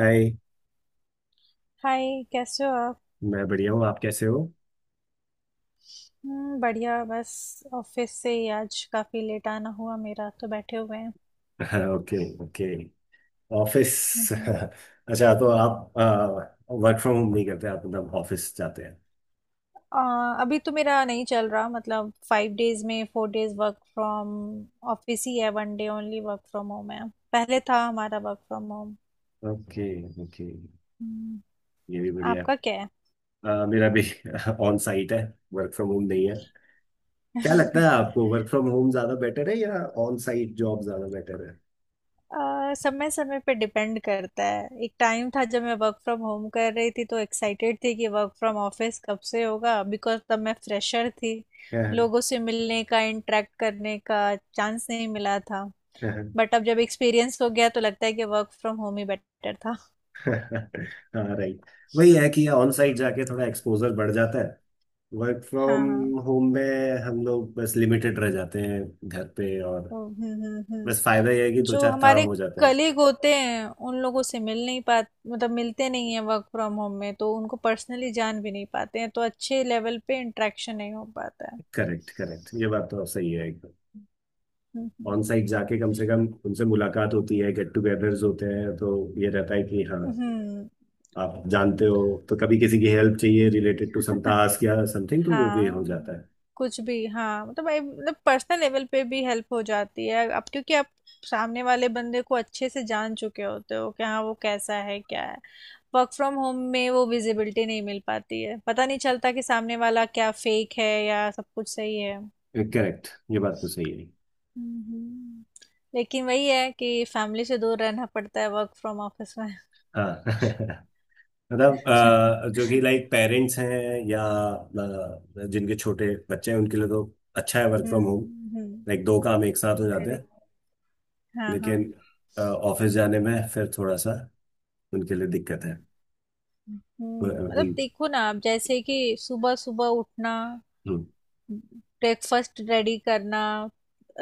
हाय। Hi, कैसे हो आप? मैं बढ़िया हूँ। आप कैसे हो? बढ़िया, बस ऑफिस से ही आज काफ़ी लेट आना हुआ, मेरा तो बैठे हुए हैं। ओके। ओके। ऑफिस। हम्म। अच्छा, तो आप वर्क फ्रॉम होम नहीं करते आप, मतलब ऑफिस जाते हैं? अभी तो मेरा नहीं चल रहा, मतलब 5 डेज में 4 डेज वर्क फ्रॉम ऑफिस ही है, 1 day only work from home है। पहले था हमारा work from home. Okay. Okay. ये भी बढ़िया है। आपका क्या है? मेरा भी ऑन साइट है। वर्क फ्रॉम होम नहीं है। क्या लगता है आपको वर्क फ्रॉम होम ज्यादा बेटर है या ऑन साइट जॉब ज्यादा बेटर है? समय समय पे डिपेंड करता है। एक टाइम था जब मैं वर्क फ्रॉम होम कर रही थी तो एक्साइटेड थी कि वर्क फ्रॉम ऑफिस कब से होगा, बिकॉज तब मैं फ्रेशर थी। लोगों से मिलने का, इंटरेक्ट करने का चांस नहीं मिला था। बट अब जब एक्सपीरियंस हो गया तो लगता है कि वर्क फ्रॉम होम ही बेटर था। हाँ, राइट। वही है कि ऑन साइट जाके थोड़ा एक्सपोजर बढ़ जाता है। वर्क हाँ फ्रॉम हाँ। होम में हम लोग बस लिमिटेड रह जाते हैं घर पे, और हम्म हम्म बस फायदा यह है कि हम्म। दो जो चार काम हमारे हो जाते हैं। कलीग होते हैं उन लोगों से मिल नहीं पाते, मतलब मिलते नहीं है वर्क फ्रॉम होम में, तो उनको पर्सनली जान भी नहीं पाते हैं, तो अच्छे लेवल पे इंटरेक्शन नहीं हो पाता है। करेक्ट, करेक्ट, ये बात तो सही है एकदम। हम्म ऑन साइट जाके कम से कम उनसे मुलाकात होती है, गेट टुगेदर्स होते हैं, तो ये रहता है कि हाँ, हम्म आप जानते हो, तो कभी किसी की हेल्प चाहिए रिलेटेड टू सम हम्म। टास्क या समथिंग तो वो भी हो हाँ। जाता कुछ भी, हाँ, मतलब भाई, मतलब पर्सनल लेवल पे भी हेल्प हो जाती है अब, क्योंकि आप सामने वाले बंदे को अच्छे से जान चुके होते हो कि हाँ वो कैसा है क्या है। वर्क फ्रॉम होम में वो विजिबिलिटी नहीं मिल पाती है, पता नहीं चलता कि सामने वाला क्या फेक है या सब कुछ सही है। है। करेक्ट, ये बात तो सही है। हम्म। लेकिन वही है कि फैमिली से दूर रहना पड़ता है वर्क फ्रॉम ऑफिस में। हाँ। मतलब, जो कि लाइक पेरेंट्स हैं या जिनके छोटे बच्चे हैं उनके लिए तो अच्छा है वर्क फ्रॉम होम। हम्म, लाइक दो काम एक साथ हो जाते हैं। करेक्ट। हाँ हाँ। लेकिन ऑफिस जाने में फिर थोड़ा सा उनके लिए दिक्कत है। अ, हम्म, मतलब उन- देखो ना आप, जैसे कि सुबह सुबह उठना, हम्म। ब्रेकफास्ट रेडी करना,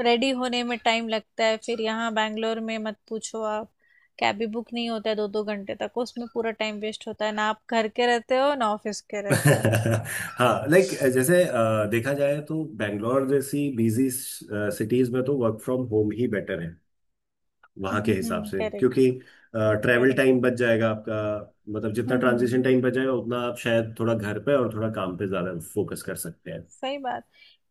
रेडी होने में टाइम लगता है, फिर यहाँ बैंगलोर में मत पूछो आप। कैब भी बुक नहीं होता है 2-2 घंटे तक, उसमें पूरा टाइम वेस्ट होता है, ना आप घर के रहते हो ना ऑफिस के रहते हो। हाँ, लाइक जैसे देखा जाए तो बेंगलोर जैसी बिजी सिटीज में तो वर्क फ्रॉम होम ही बेटर है, वहाँ के हिसाब हम्म, से, करेक्ट क्योंकि करेक्ट, ट्रैवल हम्म। टाइम Correct, बच correct. जाएगा आपका। मतलब जितना हम्म ट्रांजिशन हम्म। टाइम बच जाएगा उतना आप शायद थोड़ा घर पे और थोड़ा काम पे ज्यादा फोकस कर सकते हैं। सही बात।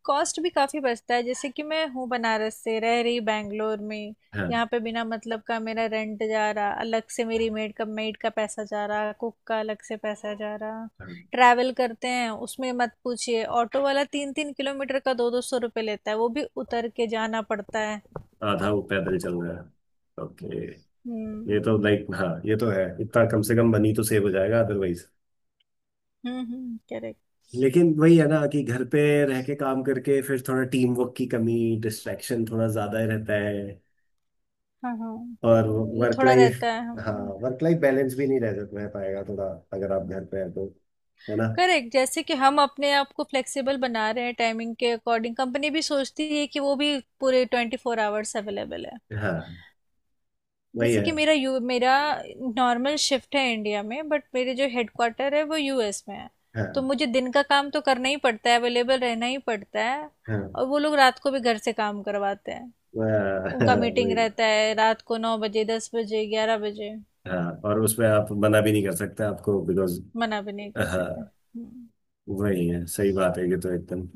कॉस्ट भी काफी बचता है, जैसे कि मैं हूँ बनारस से, रह रही बैंगलोर में। हाँ, यहाँ पे बिना मतलब का मेरा रेंट जा रहा अलग से, मेरी मेड का पैसा जा रहा, कुक का अलग से पैसा जा रहा। हाँ। ट्रैवल करते हैं उसमें मत पूछिए, ऑटो वाला 3-3 किलोमीटर का 200-200 रुपये लेता है, वो भी उतर के जाना पड़ता है। आधा वो पैदल चल रहा है, ओके। ये हम्म तो लाइक, हाँ, ये तो है, इतना कम से कम मनी तो सेव हो जाएगा अदरवाइज। हम्म, करेक्ट। लेकिन वही है ना कि घर पे रह के काम करके फिर थोड़ा टीम वर्क की कमी, डिस्ट्रैक्शन थोड़ा ज्यादा ही रहता है, हाँ हाँ, और सही, ये वर्क थोड़ा लाइफ, रहता है, हम। हाँ, वर्क लाइफ बैलेंस भी नहीं रह रह पाएगा थोड़ा अगर आप घर पे हैं तो, है ना। करेक्ट, जैसे कि हम अपने आप को फ्लेक्सिबल बना रहे हैं टाइमिंग के अकॉर्डिंग, कंपनी भी सोचती है कि वो भी पूरे 24 आवर्स अवेलेबल है। हाँ, वही जैसे है। कि मेरा नॉर्मल शिफ्ट है इंडिया में, बट मेरे जो हेडक्वार्टर है वो US में है। तो हाँ, मुझे दिन का काम तो करना ही पड़ता है, अवेलेबल रहना ही पड़ता है, हाँ। और वो लोग रात को भी घर से काम करवाते हैं। वह- उनका मीटिंग वही है। रहता है रात को 9 बजे, 10 बजे, 11 बजे। हाँ, और उसमें आप मना भी नहीं कर सकते आपको, बिकॉज मना भी नहीं कर सकते, हाँ, हम्म। वही है, सही बात है ये तो एकदम।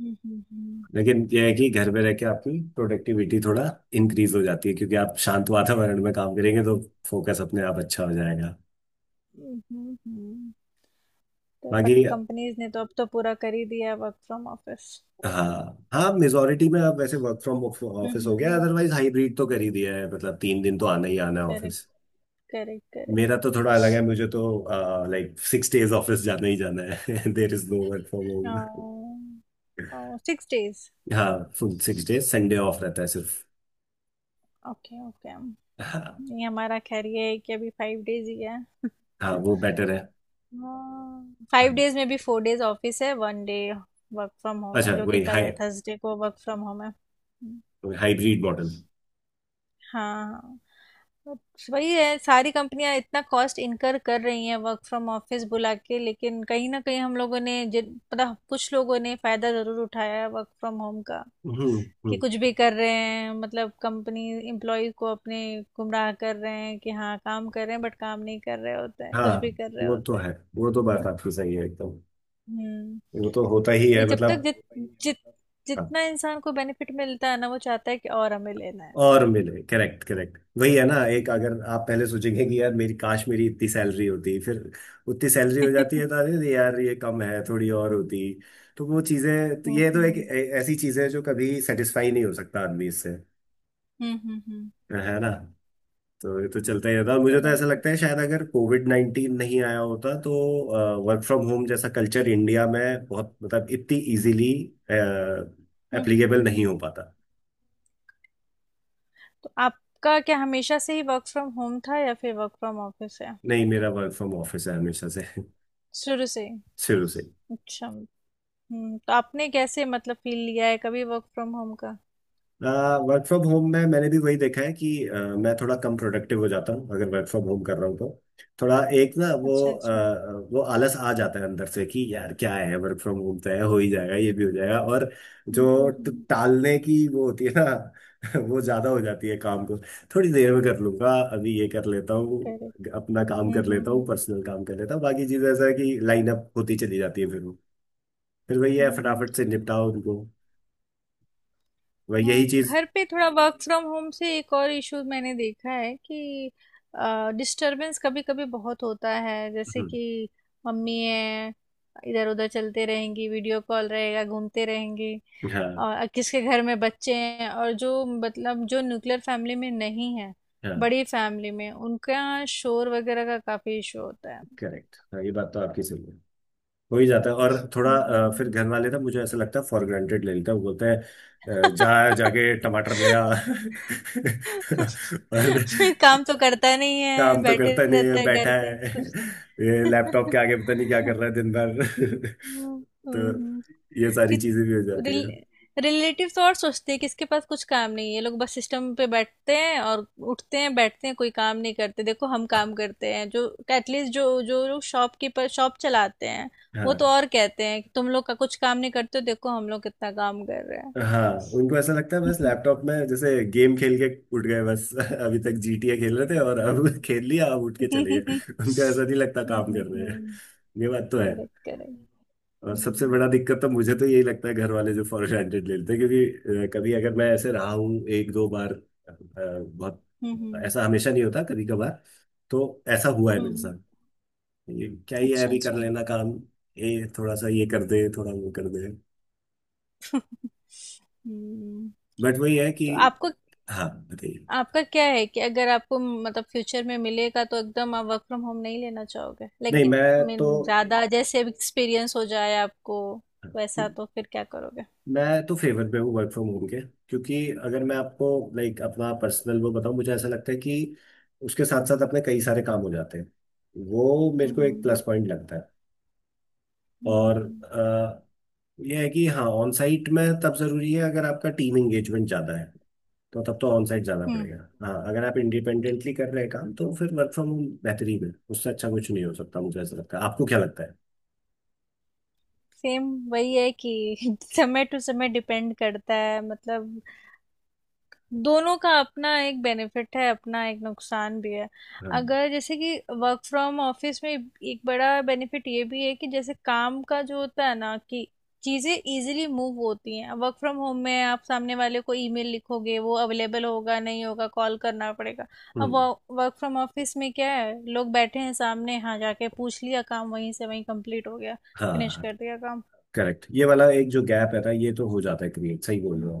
हम्म हम्म हम्म लेकिन यह है कि घर में रह के आपकी प्रोडक्टिविटी थोड़ा इंक्रीज हो जाती है, क्योंकि आप शांत वातावरण में काम करेंगे तो फोकस अपने आप अच्छा हो जाएगा। हम्म हम्म, हम्म, हम्म। तो बट बाकी, कंपनीज ने तो अब तो पूरा कर ही दिया वर्क फ्रॉम ऑफिस। हाँ हाँ, मेजोरिटी में आप वैसे वर्क फ्रॉम ऑफिस हो गया, हम्म। अदरवाइज हाइब्रिड तो कर ही दिया है, मतलब 3 दिन तो आना ही आना है ऑफिस। Correct, correct correct. मेरा तो थोड़ा अलग है, मुझे तो लाइक 6 डेज ऑफिस जाना ही जाना है। देर is no work from home. 6 days? हाँ, फुल 6 डेज, संडे ऑफ रहता है सिर्फ। Okay okay. हाँ, ये हमारा, खैर, ये है कि अभी 5 डेज ही है। हाँ, वो बेटर है। हाँ, 5 डेज में भी 4 डेज ऑफिस है, 1 डे वर्क फ्रॉम होम अच्छा, है, जो कि वही कल हाई है थर्सडे को वर्क फ्रॉम होम है। Hybrid model. हाँ हाँ। वही है, सारी कंपनियां इतना कॉस्ट इनकर कर रही हैं वर्क फ्रॉम ऑफिस बुला के, लेकिन कहीं ना कहीं हम लोगों ने, जिन पता, कुछ लोगों ने फायदा जरूर उठाया है वर्क फ्रॉम होम का। हम्म। कि हम्म। कुछ भी कर रहे हैं, मतलब कंपनी एम्प्लॉय को अपने गुमराह कर रहे हैं कि हाँ काम कर रहे हैं, बट काम नहीं कर रहे होते हैं, कुछ भी हाँ, कर रहे वो तो होते हैं। है, वो तो बात आपकी सही है एकदम, हम्म। वो तो होता ही है, वही, जब तक मतलब। जित जित हाँ। जितना इंसान को बेनिफिट मिलता है ना, वो चाहता है कि और हमें लेना है। और मिले, करेक्ट, करेक्ट, वही है ना, एक, अगर आप पहले सोचेंगे कि यार, मेरी काश मेरी इतनी सैलरी होती, फिर उतनी सैलरी हो जाती है तो अरे यार, ये कम है, थोड़ी और होती। तो वो चीजें तो, हम्म ये तो एक हम्म ऐसी चीज है जो कभी सेटिस्फाई नहीं हो सकता आदमी इससे, हम्म, है ना। तो ये तो चलता ही रहता है, और मुझे तो ऐसा करेक्ट। लगता है शायद अगर कोविड-19 नहीं आया होता तो वर्क फ्रॉम होम जैसा कल्चर इंडिया में बहुत, मतलब इतनी इजीली हम्म हम्म एप्लीकेबल नहीं हम्म। हो पाता। तो आपका क्या, हमेशा से ही वर्क फ्रॉम होम था या फिर वर्क फ्रॉम ऑफिस है? नहीं, मेरा वर्क फ्रॉम ऑफिस है हमेशा से। शुरू से ही? शुरू से। अच्छा। हम्म, तो आपने कैसे, मतलब फील लिया है कभी वर्क फ्रॉम होम का? वर्क फ्रॉम होम में मैंने भी वही देखा है कि, मैं थोड़ा कम प्रोडक्टिव हो जाता हूँ अगर वर्क फ्रॉम होम कर रहा हूँ तो। थोड़ा एक ना, वो अच्छा अच्छा। अ, वो आलस आ जाता है अंदर से कि यार क्या है, वर्क फ्रॉम होम तो है, हो ही जाएगा, ये भी हो जाएगा और, जो हम्म, टालने की वो होती है ना। वो ज्यादा हो जाती है काम को, थोड़ी देर में कर लूंगा, अभी ये कर लेता हूँ, करेक्ट। अपना काम हम्म कर हम्म लेता हूँ, हम्म पर्सनल काम कर लेता हूँ, बाकी चीज ऐसा है कि लाइन अप होती चली जाती है, फिर वही है, हम्म। फटाफट से निपटाओ उनको। वही, यही हाँ, चीज घर पे थोड़ा, वर्क फ्रॉम होम से एक और इशू मैंने देखा है कि डिस्टरबेंस कभी कभी बहुत होता है, जैसे हम्म। कि मम्मी है, इधर उधर चलते रहेंगी, वीडियो कॉल रहेगा, घूमते रहेंगी, हाँ और किसके घर में बच्चे हैं और जो, मतलब जो न्यूक्लियर फैमिली में नहीं है, हाँ, बड़ी फैमिली में, उनका शोर वगैरह का काफी इशू होता है। करेक्ट, हाँ, ये बात तो आपकी सही है, हो ही जाता है। और थोड़ा, फिर हम्म। घर वाले ना, मुझे ऐसा लगता है फॉर ग्रांटेड ले लेते हैं, वो बोलते हैं जा जाके टमाटर ले आ। और, काम तो करता नहीं है, काम तो बैठे करता नहीं है, रहता है बैठा घर पे है कुछ। ये लैपटॉप के आगे, पता नहीं क्या हम्म, कर रहा है दिन भर। तो हम्म। ये सारी कि चीजें भी हो जाती है। रिलेटिव तो और सोचते हैं कि इसके पास कुछ काम नहीं है, ये लोग बस सिस्टम पे बैठते हैं और उठते हैं बैठते हैं, कोई काम नहीं करते। देखो हम काम करते हैं जो, एटलीस्ट जो जो लोग शॉपकीपर शॉप चलाते हैं, वो तो हाँ और कहते हैं कि तुम लोग का कुछ काम नहीं करते हो, देखो हम लोग कितना काम कर रहे हाँ, उनको ऐसा लगता है बस हैं। लैपटॉप में जैसे गेम खेल के उठ गए बस। अभी तक जीटीए खेल रहे थे और अब खेल लिया, अब उठ के चले गए। करेक्ट उनको ऐसा नहीं लगता काम कर रहे हैं। ये बात तो है। करेक्ट। और सबसे हम्म बड़ा दिक्कत तो मुझे तो यही लगता है घर वाले जो फॉर ग्रांटेड ले लेते हैं, क्योंकि कभी अगर मैं ऐसे रहा हूँ एक दो बार, बहुत, हम्म ऐसा हमेशा नहीं होता, कभी कभार तो ऐसा हुआ है मेरे हम्म, साथ, ये क्या ही है, अच्छा अभी कर अच्छा। लेना काम, ये थोड़ा सा ये कर दे, थोड़ा वो कर दे। हम्म, बट वही है कि। तो आपको, हाँ, बताइए। आपका क्या है कि अगर आपको मतलब फ्यूचर में मिलेगा तो एकदम आप वर्क फ्रॉम होम नहीं लेना चाहोगे? नहीं, लाइक मीन तो ज्यादा, जैसे एक्सपीरियंस हो जाए आपको, वैसा तो फिर क्या करोगे? मैं तो फेवर पे हूँ वर्क फ्रॉम होम के, क्योंकि अगर मैं आपको, लाइक, अपना पर्सनल वो बताऊँ, मुझे ऐसा लगता है कि उसके साथ साथ अपने कई सारे काम हो जाते हैं, वो मेरे को एक हम्म प्लस पॉइंट लगता है। और हम्म, यह है कि हाँ, ऑन साइट में तब जरूरी है अगर आपका टीम एंगेजमेंट ज़्यादा है, तो तब तो ऑन साइट जाना पड़ेगा। हाँ, अगर आप इंडिपेंडेंटली कर रहे हैं काम, तो फिर वर्क फ्रॉम होम बेहतरीन है, उससे अच्छा कुछ नहीं हो सकता, मुझे ऐसा लगता है। आपको क्या लगता है? सेम। वही है कि समय टू समय डिपेंड करता है, मतलब दोनों का अपना एक बेनिफिट है, अपना एक नुकसान भी है। हाँ। अगर जैसे कि वर्क फ्रॉम ऑफिस में एक बड़ा बेनिफिट ये भी है कि जैसे काम का जो होता है ना, कि चीज़ें इजीली मूव होती हैं। वर्क फ्रॉम होम में आप सामने वाले को ईमेल लिखोगे, वो अवेलेबल होगा नहीं होगा, कॉल करना पड़ेगा। अब हम्म। वर्क फ्रॉम ऑफिस में क्या है, लोग बैठे हैं सामने, हाँ जाके पूछ लिया, काम वहीं से वहीं कंप्लीट हो गया, फिनिश हाँ, कर दिया काम। करेक्ट, ये वाला एक जो गैप रहता है ये तो हो जाता है क्रिएट, सही बोल रहे हो।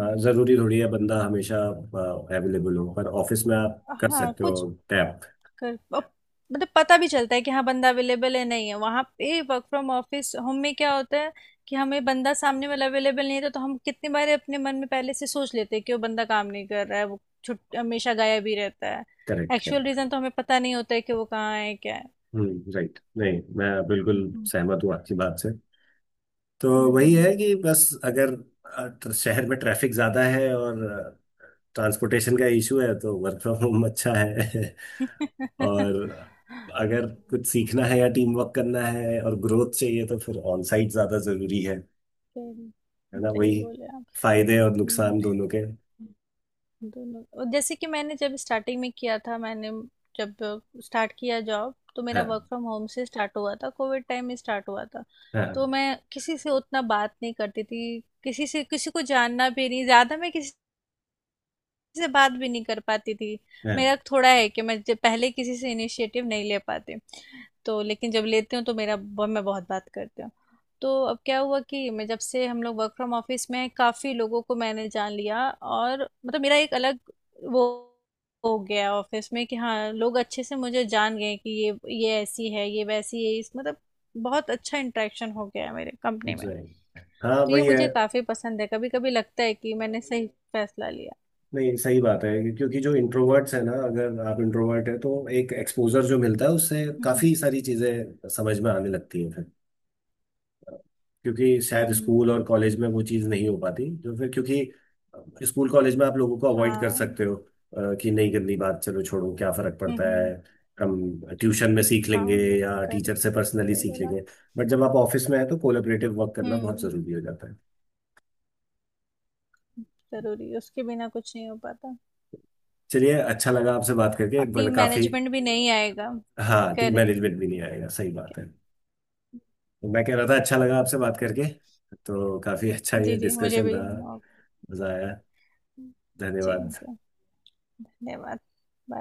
जरूरी थोड़ी है बंदा हमेशा अवेलेबल हो, पर ऑफिस में आप कर हाँ सकते हो कुछ टैप। कर, अब मतलब पता भी चलता है कि हाँ बंदा अवेलेबल है नहीं है वहां पे। वर्क फ्रॉम ऑफिस होम में क्या होता है कि हमें बंदा सामने वाला अवेलेबल नहीं था तो हम कितनी बार अपने मन में पहले से सोच लेते हैं कि वो बंदा काम नहीं कर रहा है, वो छुट हमेशा गायब ही रहता है। Correct, actual correct. रीजन तो हमें पता नहीं होता है कि वो कहाँ है क्या है। हम्म, राइट। नहीं, मैं बिल्कुल हम्म सहमत हूँ आपकी बात से। तो वही है हम्म, कि बस अगर शहर में ट्रैफिक ज्यादा है और ट्रांसपोर्टेशन का इशू है तो वर्क फ्रॉम होम अच्छा है। हम्म। और अगर कुछ सीखना है या टीम वर्क करना है और ग्रोथ चाहिए तो फिर ऑन साइट ज्यादा जरूरी है सही, ना। वही, सही बोले आप। फायदे और हम्म। नुकसान दोनों के। दोनों, और जैसे कि मैंने जब स्टार्टिंग में किया था, मैंने जब स्टार्ट किया जॉब, तो मेरा वर्क हाँ फ्रॉम होम से स्टार्ट हुआ था, कोविड टाइम में स्टार्ट हुआ था। तो हाँ। मैं किसी से उतना बात नहीं करती थी, किसी से किसी को जानना भी नहीं ज़्यादा, मैं किसी से बात भी नहीं कर पाती थी। मेरा हाँ थोड़ा है कि मैं जब पहले किसी से इनिशिएटिव नहीं ले पाती, तो लेकिन जब लेती हूँ तो मेरा मैं बहुत बात करती हूँ। तो अब क्या हुआ कि मैं जब से हम लोग वर्क फ्रॉम ऑफिस में हैं, काफ़ी लोगों को मैंने जान लिया, और मतलब मेरा एक अलग वो हो गया ऑफिस में कि हाँ लोग अच्छे से मुझे जान गए कि ये ऐसी है, ये वैसी है, इस मतलब बहुत अच्छा इंटरेक्शन हो गया है मेरे कंपनी में। जी, हाँ, तो ये वही है। मुझे काफ़ी पसंद है, कभी कभी लगता है कि मैंने सही फैसला लिया। नहीं, सही बात है, क्योंकि जो इंट्रोवर्ट्स है ना, अगर आप इंट्रोवर्ट है तो एक एक्सपोजर जो मिलता है उससे हम्म हम्म काफी सारी चीजें समझ में आने लगती हैं फिर, क्योंकि हम्म, शायद स्कूल हम्म। और कॉलेज में वो चीज़ नहीं हो पाती, तो फिर, क्योंकि स्कूल कॉलेज में आप लोगों को अवॉइड कर हाँ। सकते हो, कि नहीं करनी बात, चलो छोड़ो, क्या फर्क हम्म पड़ता है, हम्म, हम ट्यूशन में सीख लेंगे हाँ। या टीचर से करेक्ट, पर्सनली सही सीख बोला आप। लेंगे। बट जब आप ऑफिस में हैं तो कोलेबरेटिव वर्क करना बहुत हम्म, जरूरी हो जाता है। जरूरी, उसके बिना कुछ नहीं हो पाता। चलिए, अच्छा लगा आपसे बात करके, और एक बड़ा टीम काफी। मैनेजमेंट भी नहीं आएगा। हाँ, टीम करेक्ट, मैनेजमेंट भी नहीं आएगा, सही ठीक बात है। है। तो मैं कह रहा था, अच्छा लगा आपसे बात चलो। करके, तो काफी अच्छा ये जी जी, मुझे डिस्कशन भी। रहा, ओके। मजा आया। जी धन्यवाद। जी। धन्यवाद।